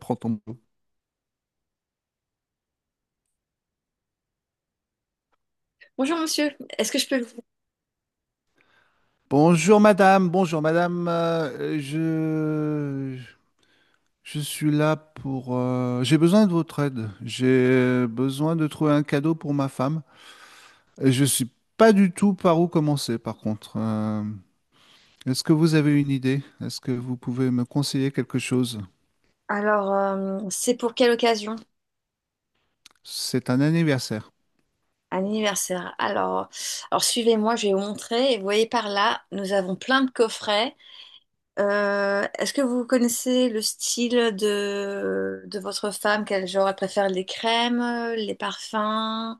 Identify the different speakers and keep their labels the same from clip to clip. Speaker 1: Prends ton boulot.
Speaker 2: Bonjour monsieur, est-ce que je peux vous...
Speaker 1: Bonjour madame, bonjour madame. Je suis là pour... j'ai besoin de votre aide. J'ai besoin de trouver un cadeau pour ma femme. Et je suis pas du tout par où commencer par contre. Est-ce que vous avez une idée? Est-ce que vous pouvez me conseiller quelque chose?
Speaker 2: Alors, c'est pour quelle occasion?
Speaker 1: C'est un anniversaire.
Speaker 2: Un anniversaire. Alors, suivez-moi, je vais vous montrer. Et vous voyez par là, nous avons plein de coffrets. Est-ce que vous connaissez le style de votre femme? Quel genre elle préfère? Les crèmes, les parfums,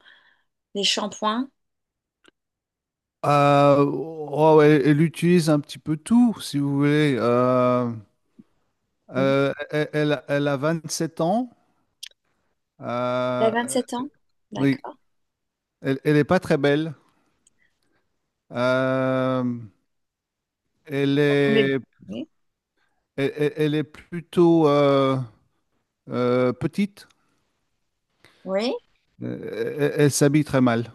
Speaker 2: les shampoings?
Speaker 1: Elle utilise un petit peu tout, si vous voulez.
Speaker 2: Mhm.
Speaker 1: Elle a 27 ans.
Speaker 2: Elle a
Speaker 1: Euh,
Speaker 2: 27 ans?
Speaker 1: oui,
Speaker 2: D'accord.
Speaker 1: Elle est pas très belle. Euh, Elle
Speaker 2: Le-
Speaker 1: est,
Speaker 2: Oui.
Speaker 1: elle est plutôt petite.
Speaker 2: Oui?
Speaker 1: Elle s'habille très mal.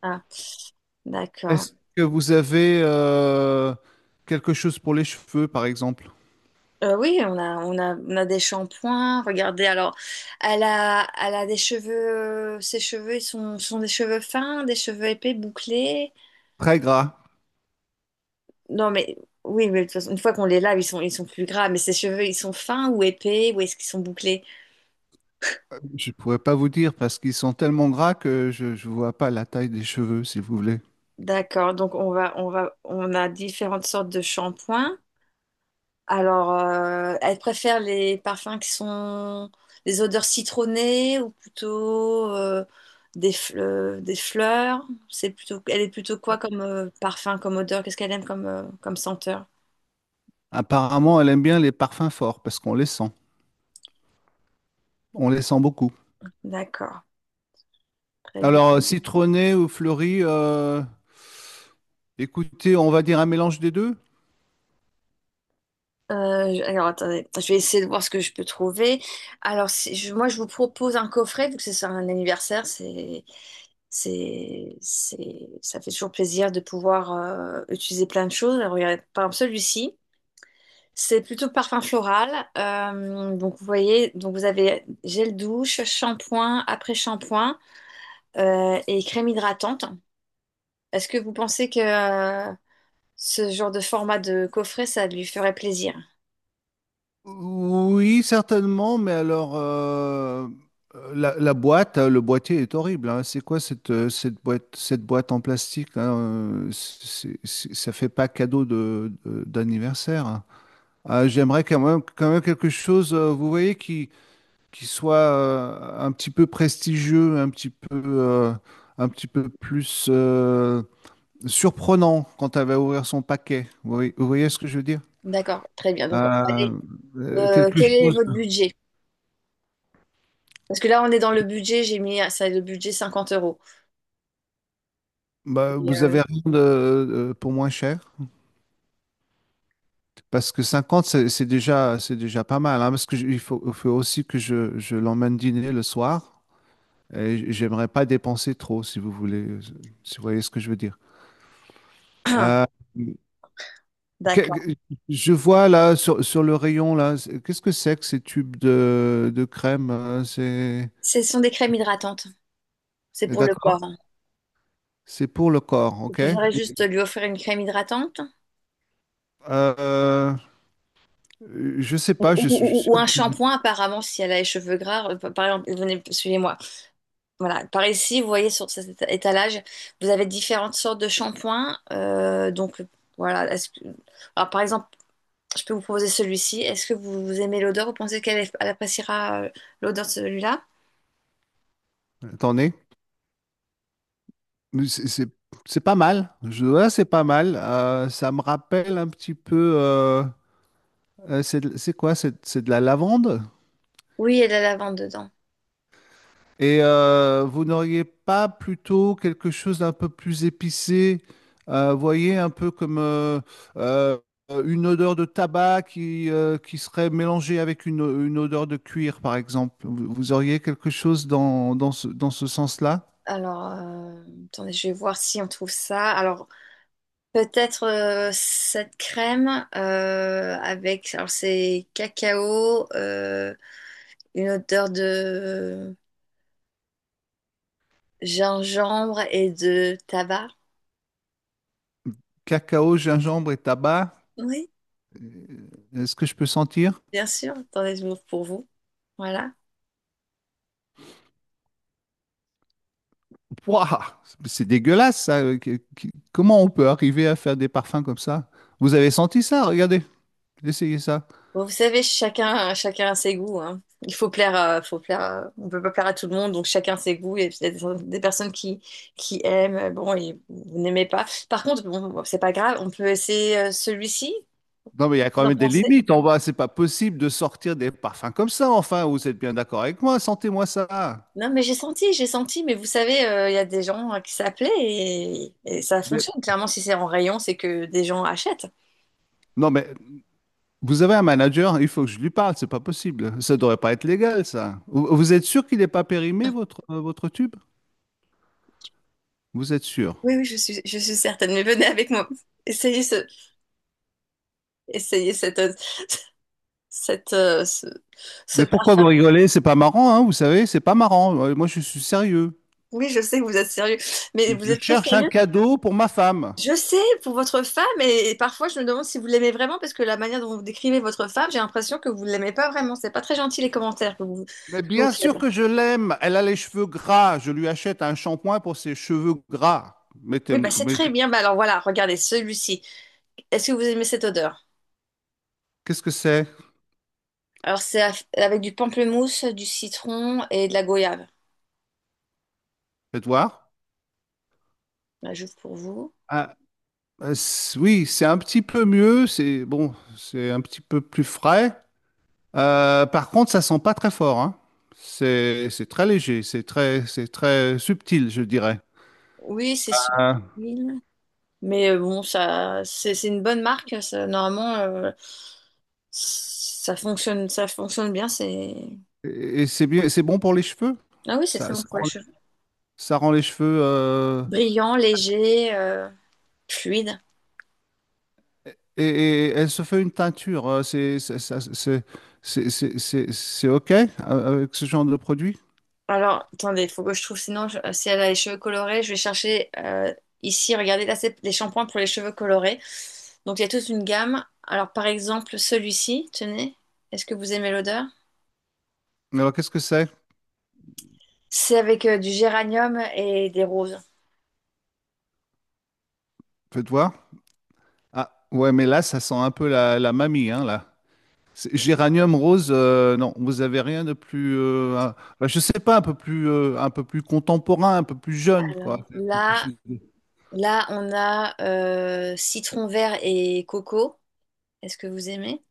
Speaker 2: Ah, d'accord.
Speaker 1: Est-ce que vous avez quelque chose pour les cheveux, par exemple?
Speaker 2: Oui, on a des shampoings. Regardez, alors, elle a des cheveux. Ses cheveux, ils sont des cheveux fins, des cheveux épais, bouclés.
Speaker 1: Très gras.
Speaker 2: Non, mais oui, mais de toute façon, une fois qu'on les lave, ils sont plus gras. Mais ses cheveux, ils sont fins ou épais, ou est-ce qu'ils sont bouclés?
Speaker 1: Je pourrais pas vous dire parce qu'ils sont tellement gras que je ne vois pas la taille des cheveux, si vous voulez.
Speaker 2: D'accord. Donc on a différentes sortes de shampoings. Alors, elle préfère les parfums qui sont des odeurs citronnées ou plutôt des fleurs. C'est plutôt, elle est plutôt quoi comme parfum, comme odeur? Qu'est-ce qu'elle aime comme, comme senteur?
Speaker 1: Apparemment, elle aime bien les parfums forts parce qu'on les sent. On les sent beaucoup.
Speaker 2: D'accord, très bien.
Speaker 1: Alors, citronné ou fleuri, écoutez, on va dire un mélange des deux.
Speaker 2: Alors, attendez, je vais essayer de voir ce que je peux trouver. Alors, si je- moi, je vous propose un coffret, vu que c'est un anniversaire, ça fait toujours plaisir de pouvoir utiliser plein de choses. Alors, regardez, par exemple, celui-ci. C'est plutôt parfum floral. Donc vous voyez, donc vous avez gel douche, shampoing, après-shampoing et crème hydratante. Est-ce que vous pensez que ce genre de format de coffret, ça lui ferait plaisir?
Speaker 1: Oui, certainement, mais alors la boîte, le boîtier est horrible, hein. C'est quoi cette, cette boîte en plastique, hein, ça fait pas cadeau d'anniversaire, hein. Ah, j'aimerais quand même quelque chose, vous voyez, qui soit un petit peu prestigieux, un petit peu plus surprenant quand elle va ouvrir son paquet. Vous voyez ce que je veux dire?
Speaker 2: D'accord, très bien. Donc on va
Speaker 1: Euh, Quelque
Speaker 2: Quel est
Speaker 1: chose.
Speaker 2: votre budget? Parce que là, on est dans le budget, j'ai mis, ça, le budget 50 euros.
Speaker 1: Bah,
Speaker 2: Et,
Speaker 1: vous
Speaker 2: euh,
Speaker 1: avez rien de, pour moins cher? Parce que 50, c'est déjà, c'est déjà pas mal, hein, il faut aussi que je l'emmène dîner le soir. Et j'aimerais pas dépenser trop, si vous voulez, si vous voyez ce que je veux dire. Euh, que-
Speaker 2: D'accord.
Speaker 1: que- je vois là sur, sur le rayon là, qu'est-ce que c'est que ces tubes de crème? C'est
Speaker 2: Ce sont des crèmes hydratantes. C'est pour le corps,
Speaker 1: d'accord?
Speaker 2: hein.
Speaker 1: C'est pour le corps,
Speaker 2: Vous
Speaker 1: ok?
Speaker 2: préférez
Speaker 1: Et,
Speaker 2: juste lui offrir une crème hydratante
Speaker 1: euh, je sais
Speaker 2: ou,
Speaker 1: pas,
Speaker 2: ou- ou un shampoing, apparemment, si elle a les cheveux gras. Par exemple, venez, suivez-moi. Voilà. Par ici, vous voyez sur cet étalage, vous avez différentes sortes de shampoings. Voilà. Alors, par exemple, je peux vous proposer celui-ci. Est-ce que vous aimez l'odeur? Vous pensez qu'elle appréciera l'odeur de celui-là?
Speaker 1: Attendez. Mais C'est c'est- c'est pas mal. Ouais, c'est pas mal. Ça me rappelle un petit peu. C'est de- c'est quoi? C'est de la lavande?
Speaker 2: Oui, et la lavande dedans.
Speaker 1: Et vous n'auriez pas plutôt quelque chose d'un peu plus épicé? Voyez, un peu comme euh, une odeur de tabac qui serait mélangée avec une odeur de cuir, par exemple. Vous auriez quelque chose dans ce sens-là?
Speaker 2: Alors, attendez, je vais voir si on trouve ça. Alors, peut-être cette crème avec, alors c'est cacao, une odeur de gingembre et de tabac.
Speaker 1: Cacao, gingembre et tabac.
Speaker 2: Oui,
Speaker 1: Est-ce que je peux sentir?
Speaker 2: bien sûr. Attendez, je m'ouvre pour vous. Voilà.
Speaker 1: Ouah, c'est dégueulasse, ça. Comment on peut arriver à faire des parfums comme ça? Vous avez senti ça? Regardez, essayez ça.
Speaker 2: Bon, vous savez, chacun a ses goûts, hein. Il faut faut on peut pas plaire à tout le monde, donc chacun ses goûts. Et puis, il y a des personnes qui aiment, bon, et vous n'aimez pas. Par contre, bon, c'est pas grave, on peut essayer celui-ci.
Speaker 1: Non, mais il y a
Speaker 2: Vous
Speaker 1: quand
Speaker 2: en
Speaker 1: même des
Speaker 2: pensez?
Speaker 1: limites. On va, c'est pas possible de sortir des parfums comme ça. Enfin, vous êtes bien d'accord avec moi? Sentez-moi ça.
Speaker 2: Non, mais j'ai senti, mais vous savez, il y a des gens qui s'appelaient et ça
Speaker 1: Mais-
Speaker 2: fonctionne. Clairement, si c'est en rayon, c'est que des gens achètent.
Speaker 1: non, mais vous avez un manager. Il faut que je lui parle. C'est pas possible. Ça devrait pas être légal, ça. Vous êtes sûr qu'il n'est pas périmé votre votre tube? Vous êtes sûr?
Speaker 2: Oui, oui, je suis certaine, mais venez avec moi. Essayez ce, essayez cette, euh, ce, ce
Speaker 1: Mais pourquoi vous
Speaker 2: parfum.
Speaker 1: rigolez? C'est pas marrant, hein, vous savez. C'est pas marrant. Moi, je suis sérieux.
Speaker 2: Oui, je sais que vous êtes sérieux, mais vous
Speaker 1: Je
Speaker 2: êtes très
Speaker 1: cherche un
Speaker 2: sérieux.
Speaker 1: cadeau pour ma femme.
Speaker 2: Je sais, pour votre femme, et parfois je me demande si vous l'aimez vraiment, parce que la manière dont vous décrivez votre femme, j'ai l'impression que vous ne l'aimez pas vraiment. C'est pas très gentil les commentaires que
Speaker 1: Mais
Speaker 2: vous
Speaker 1: bien
Speaker 2: faites.
Speaker 1: sûr que je l'aime. Elle a les cheveux gras. Je lui achète un shampoing pour ses cheveux gras.
Speaker 2: Oui, bah c'est très
Speaker 1: Mettez-
Speaker 2: bien. Bah alors voilà, regardez celui-ci. Est-ce que vous aimez cette odeur?
Speaker 1: Qu'est-ce que c'est?
Speaker 2: Avec du pamplemousse, du citron et de la goyave.
Speaker 1: Faites voir.
Speaker 2: Bah, j'ouvre pour vous.
Speaker 1: Ah, oui, c'est un petit peu mieux. C'est bon, c'est un petit peu plus frais. Par contre, ça sent pas très fort, hein. C'est très léger. C'est très subtil, je dirais.
Speaker 2: Oui, c'est
Speaker 1: Ah.
Speaker 2: subtil, mais bon, ça, c'est une bonne marque. Ça, normalement, ça fonctionne bien. C'est
Speaker 1: Et c'est bien, c'est bon pour les cheveux.
Speaker 2: Ah oui, c'est très
Speaker 1: Ça,
Speaker 2: bon
Speaker 1: ça
Speaker 2: pour les
Speaker 1: rend,
Speaker 2: cheveux.
Speaker 1: Ça rend les cheveux.
Speaker 2: Brillant, léger, fluide.
Speaker 1: Et elle se fait une teinture. C'est c'est OK avec ce genre de produit?
Speaker 2: Alors, attendez, il faut que je trouve, si elle a les cheveux colorés, je vais chercher ici, regardez, là, c'est les shampoings pour les cheveux colorés. Donc, il y a toute une gamme. Alors, par exemple, celui-ci, tenez, est-ce que vous aimez l'odeur?
Speaker 1: Alors, qu'est-ce que c'est?
Speaker 2: C'est avec du géranium et des roses.
Speaker 1: Faites voir. Ah, ouais, mais là, ça sent un peu la, la mamie, hein, là. Géranium rose, non, vous avez rien de plus, bah, je sais pas, un peu plus contemporain, un peu plus jeune, quoi.
Speaker 2: Alors, là, on a citron vert et coco. Est-ce que vous aimez?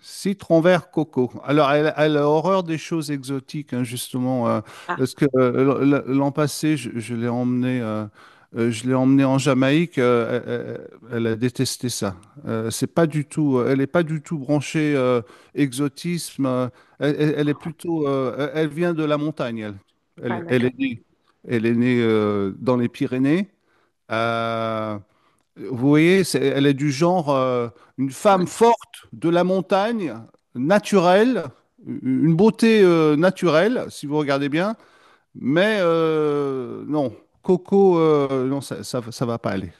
Speaker 1: Citron vert coco. Alors, elle a horreur des choses exotiques, hein, justement.
Speaker 2: Ah,
Speaker 1: Parce que l'an passé, je l'ai emmenée en Jamaïque. Elle a détesté ça. C'est pas du tout. Elle n'est pas du tout branchée exotisme. Elle est plutôt. Elle vient de la montagne.
Speaker 2: ah,
Speaker 1: Elle
Speaker 2: d'accord.
Speaker 1: est née, elle est née dans les Pyrénées. euh, Vous voyez, elle est du genre une femme forte de la montagne, naturelle, une beauté naturelle, si vous regardez bien. Mais non, Coco, non, ça va pas aller.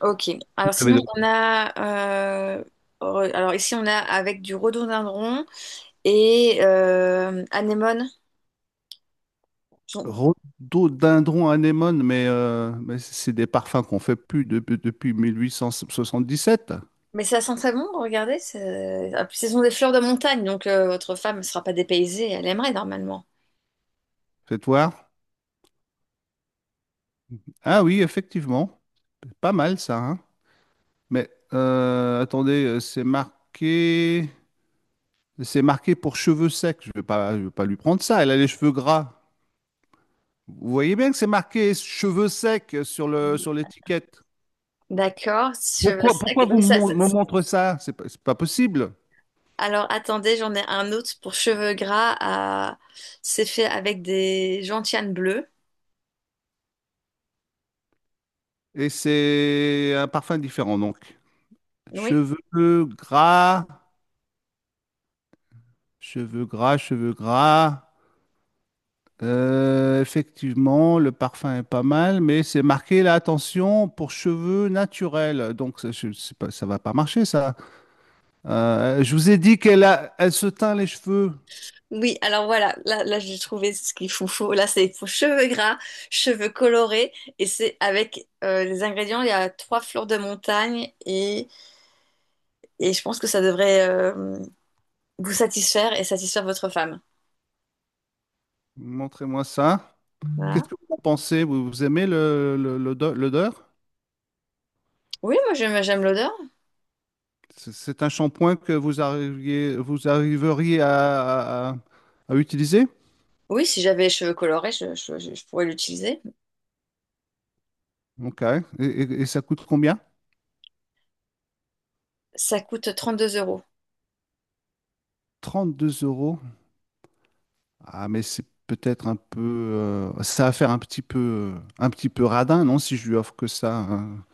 Speaker 2: Ok.
Speaker 1: Vous
Speaker 2: Alors
Speaker 1: avez
Speaker 2: sinon,
Speaker 1: de-
Speaker 2: on a... euh, alors ici, on a avec du rhododendron et anémone. Bon.
Speaker 1: Rhododendron anémone, mais c'est des parfums qu'on fait plus depuis 1877.
Speaker 2: Mais ça sent très bon, regardez. C'est- ah, puis Ce sont des fleurs de montagne, donc votre femme ne sera pas dépaysée. Elle aimerait normalement.
Speaker 1: Faites voir. Ah oui, effectivement, pas mal ça, hein. Mais attendez, c'est marqué. C'est marqué pour cheveux secs. Je vais pas lui prendre ça. Elle a les cheveux gras. Vous voyez bien que c'est marqué cheveux secs sur le, sur l'étiquette.
Speaker 2: D'accord, cheveux
Speaker 1: Pourquoi
Speaker 2: secs.
Speaker 1: vous
Speaker 2: Mais ça,
Speaker 1: me montrez ça? C'est pas possible.
Speaker 2: Alors attendez, j'en ai un autre pour cheveux gras. C'est fait avec des gentianes bleues.
Speaker 1: Et c'est un parfum différent, donc.
Speaker 2: Oui.
Speaker 1: Cheveux gras, cheveux gras, cheveux gras. Effectivement, le parfum est pas mal, mais c'est marqué là, attention, pour cheveux naturels. Donc, ça, je sais pas, ça va pas marcher, ça. Je vous ai dit elle se teint les cheveux.
Speaker 2: Oui, alors voilà, là j'ai trouvé ce qu'il faut. Là, c'est pour cheveux gras, cheveux colorés. Et c'est avec les ingrédients, il y a 3 fleurs de montagne. Et je pense que ça devrait vous satisfaire et satisfaire votre femme.
Speaker 1: Montrez-moi ça. Qu'est-ce
Speaker 2: Voilà.
Speaker 1: que vous en pensez? Vous aimez l'odeur?
Speaker 2: Oui, moi j'aime l'odeur.
Speaker 1: C'est un shampoing que vous arriveriez à utiliser?
Speaker 2: Oui, si j'avais les cheveux colorés, je je pourrais l'utiliser.
Speaker 1: Ok. Et, et ça coûte combien?
Speaker 2: Ça coûte 32 euros.
Speaker 1: 32 euros. Ah, mais c'est peut-être un peu. Ça va faire un petit peu radin, non, si je lui offre que ça, hein.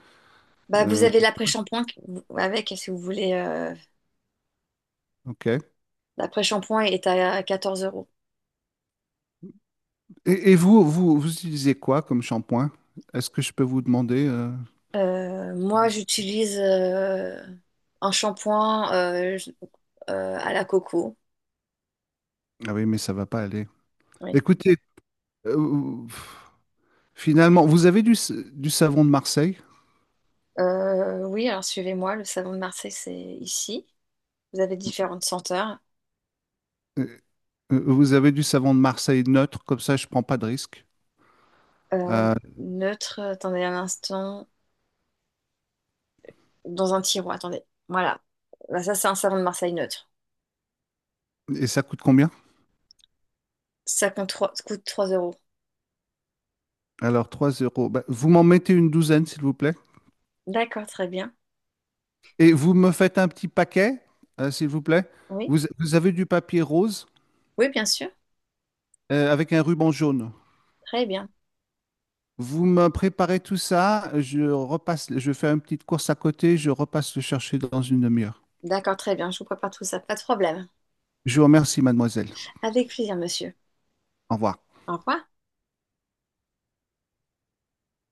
Speaker 2: Bah, vous
Speaker 1: Euh,
Speaker 2: avez l'après-shampoing qui- Avec, si vous voulez.
Speaker 1: ok.
Speaker 2: L'après-shampoing est à 14 euros.
Speaker 1: Et vous utilisez quoi comme shampoing? Est-ce que je peux vous demander ce que
Speaker 2: Moi,
Speaker 1: vous
Speaker 2: j'utilise un shampoing à la coco.
Speaker 1: Ah oui, mais ça va pas aller.
Speaker 2: Oui.
Speaker 1: Écoutez, euh, finalement, vous avez du savon de Marseille?
Speaker 2: Oui, alors suivez-moi, le savon de Marseille, c'est ici. Vous avez différentes senteurs.
Speaker 1: Euh, Vous avez du savon de Marseille neutre, comme ça je prends pas de risque.
Speaker 2: Euh,
Speaker 1: Euh,
Speaker 2: Neutre, attendez un instant, dans un tiroir, attendez. Voilà. Bah, ça, c'est un savon de Marseille neutre.
Speaker 1: et ça coûte combien?
Speaker 2: Coûte 3 euros.
Speaker 1: Alors 3 euros. Bah, vous m'en mettez une douzaine, s'il vous plaît.
Speaker 2: D'accord, très bien.
Speaker 1: Et vous me faites un petit paquet, s'il vous plaît.
Speaker 2: Oui,
Speaker 1: Vous avez du papier rose
Speaker 2: oui, bien sûr.
Speaker 1: avec un ruban jaune.
Speaker 2: Très bien.
Speaker 1: Vous me préparez tout ça, je repasse, je fais une petite course à côté, je repasse le chercher dans une demi-heure.
Speaker 2: D'accord, très bien. Je vous prépare tout ça. Pas de problème.
Speaker 1: Je vous remercie, mademoiselle.
Speaker 2: Avec plaisir, monsieur.
Speaker 1: Au revoir.
Speaker 2: Au revoir.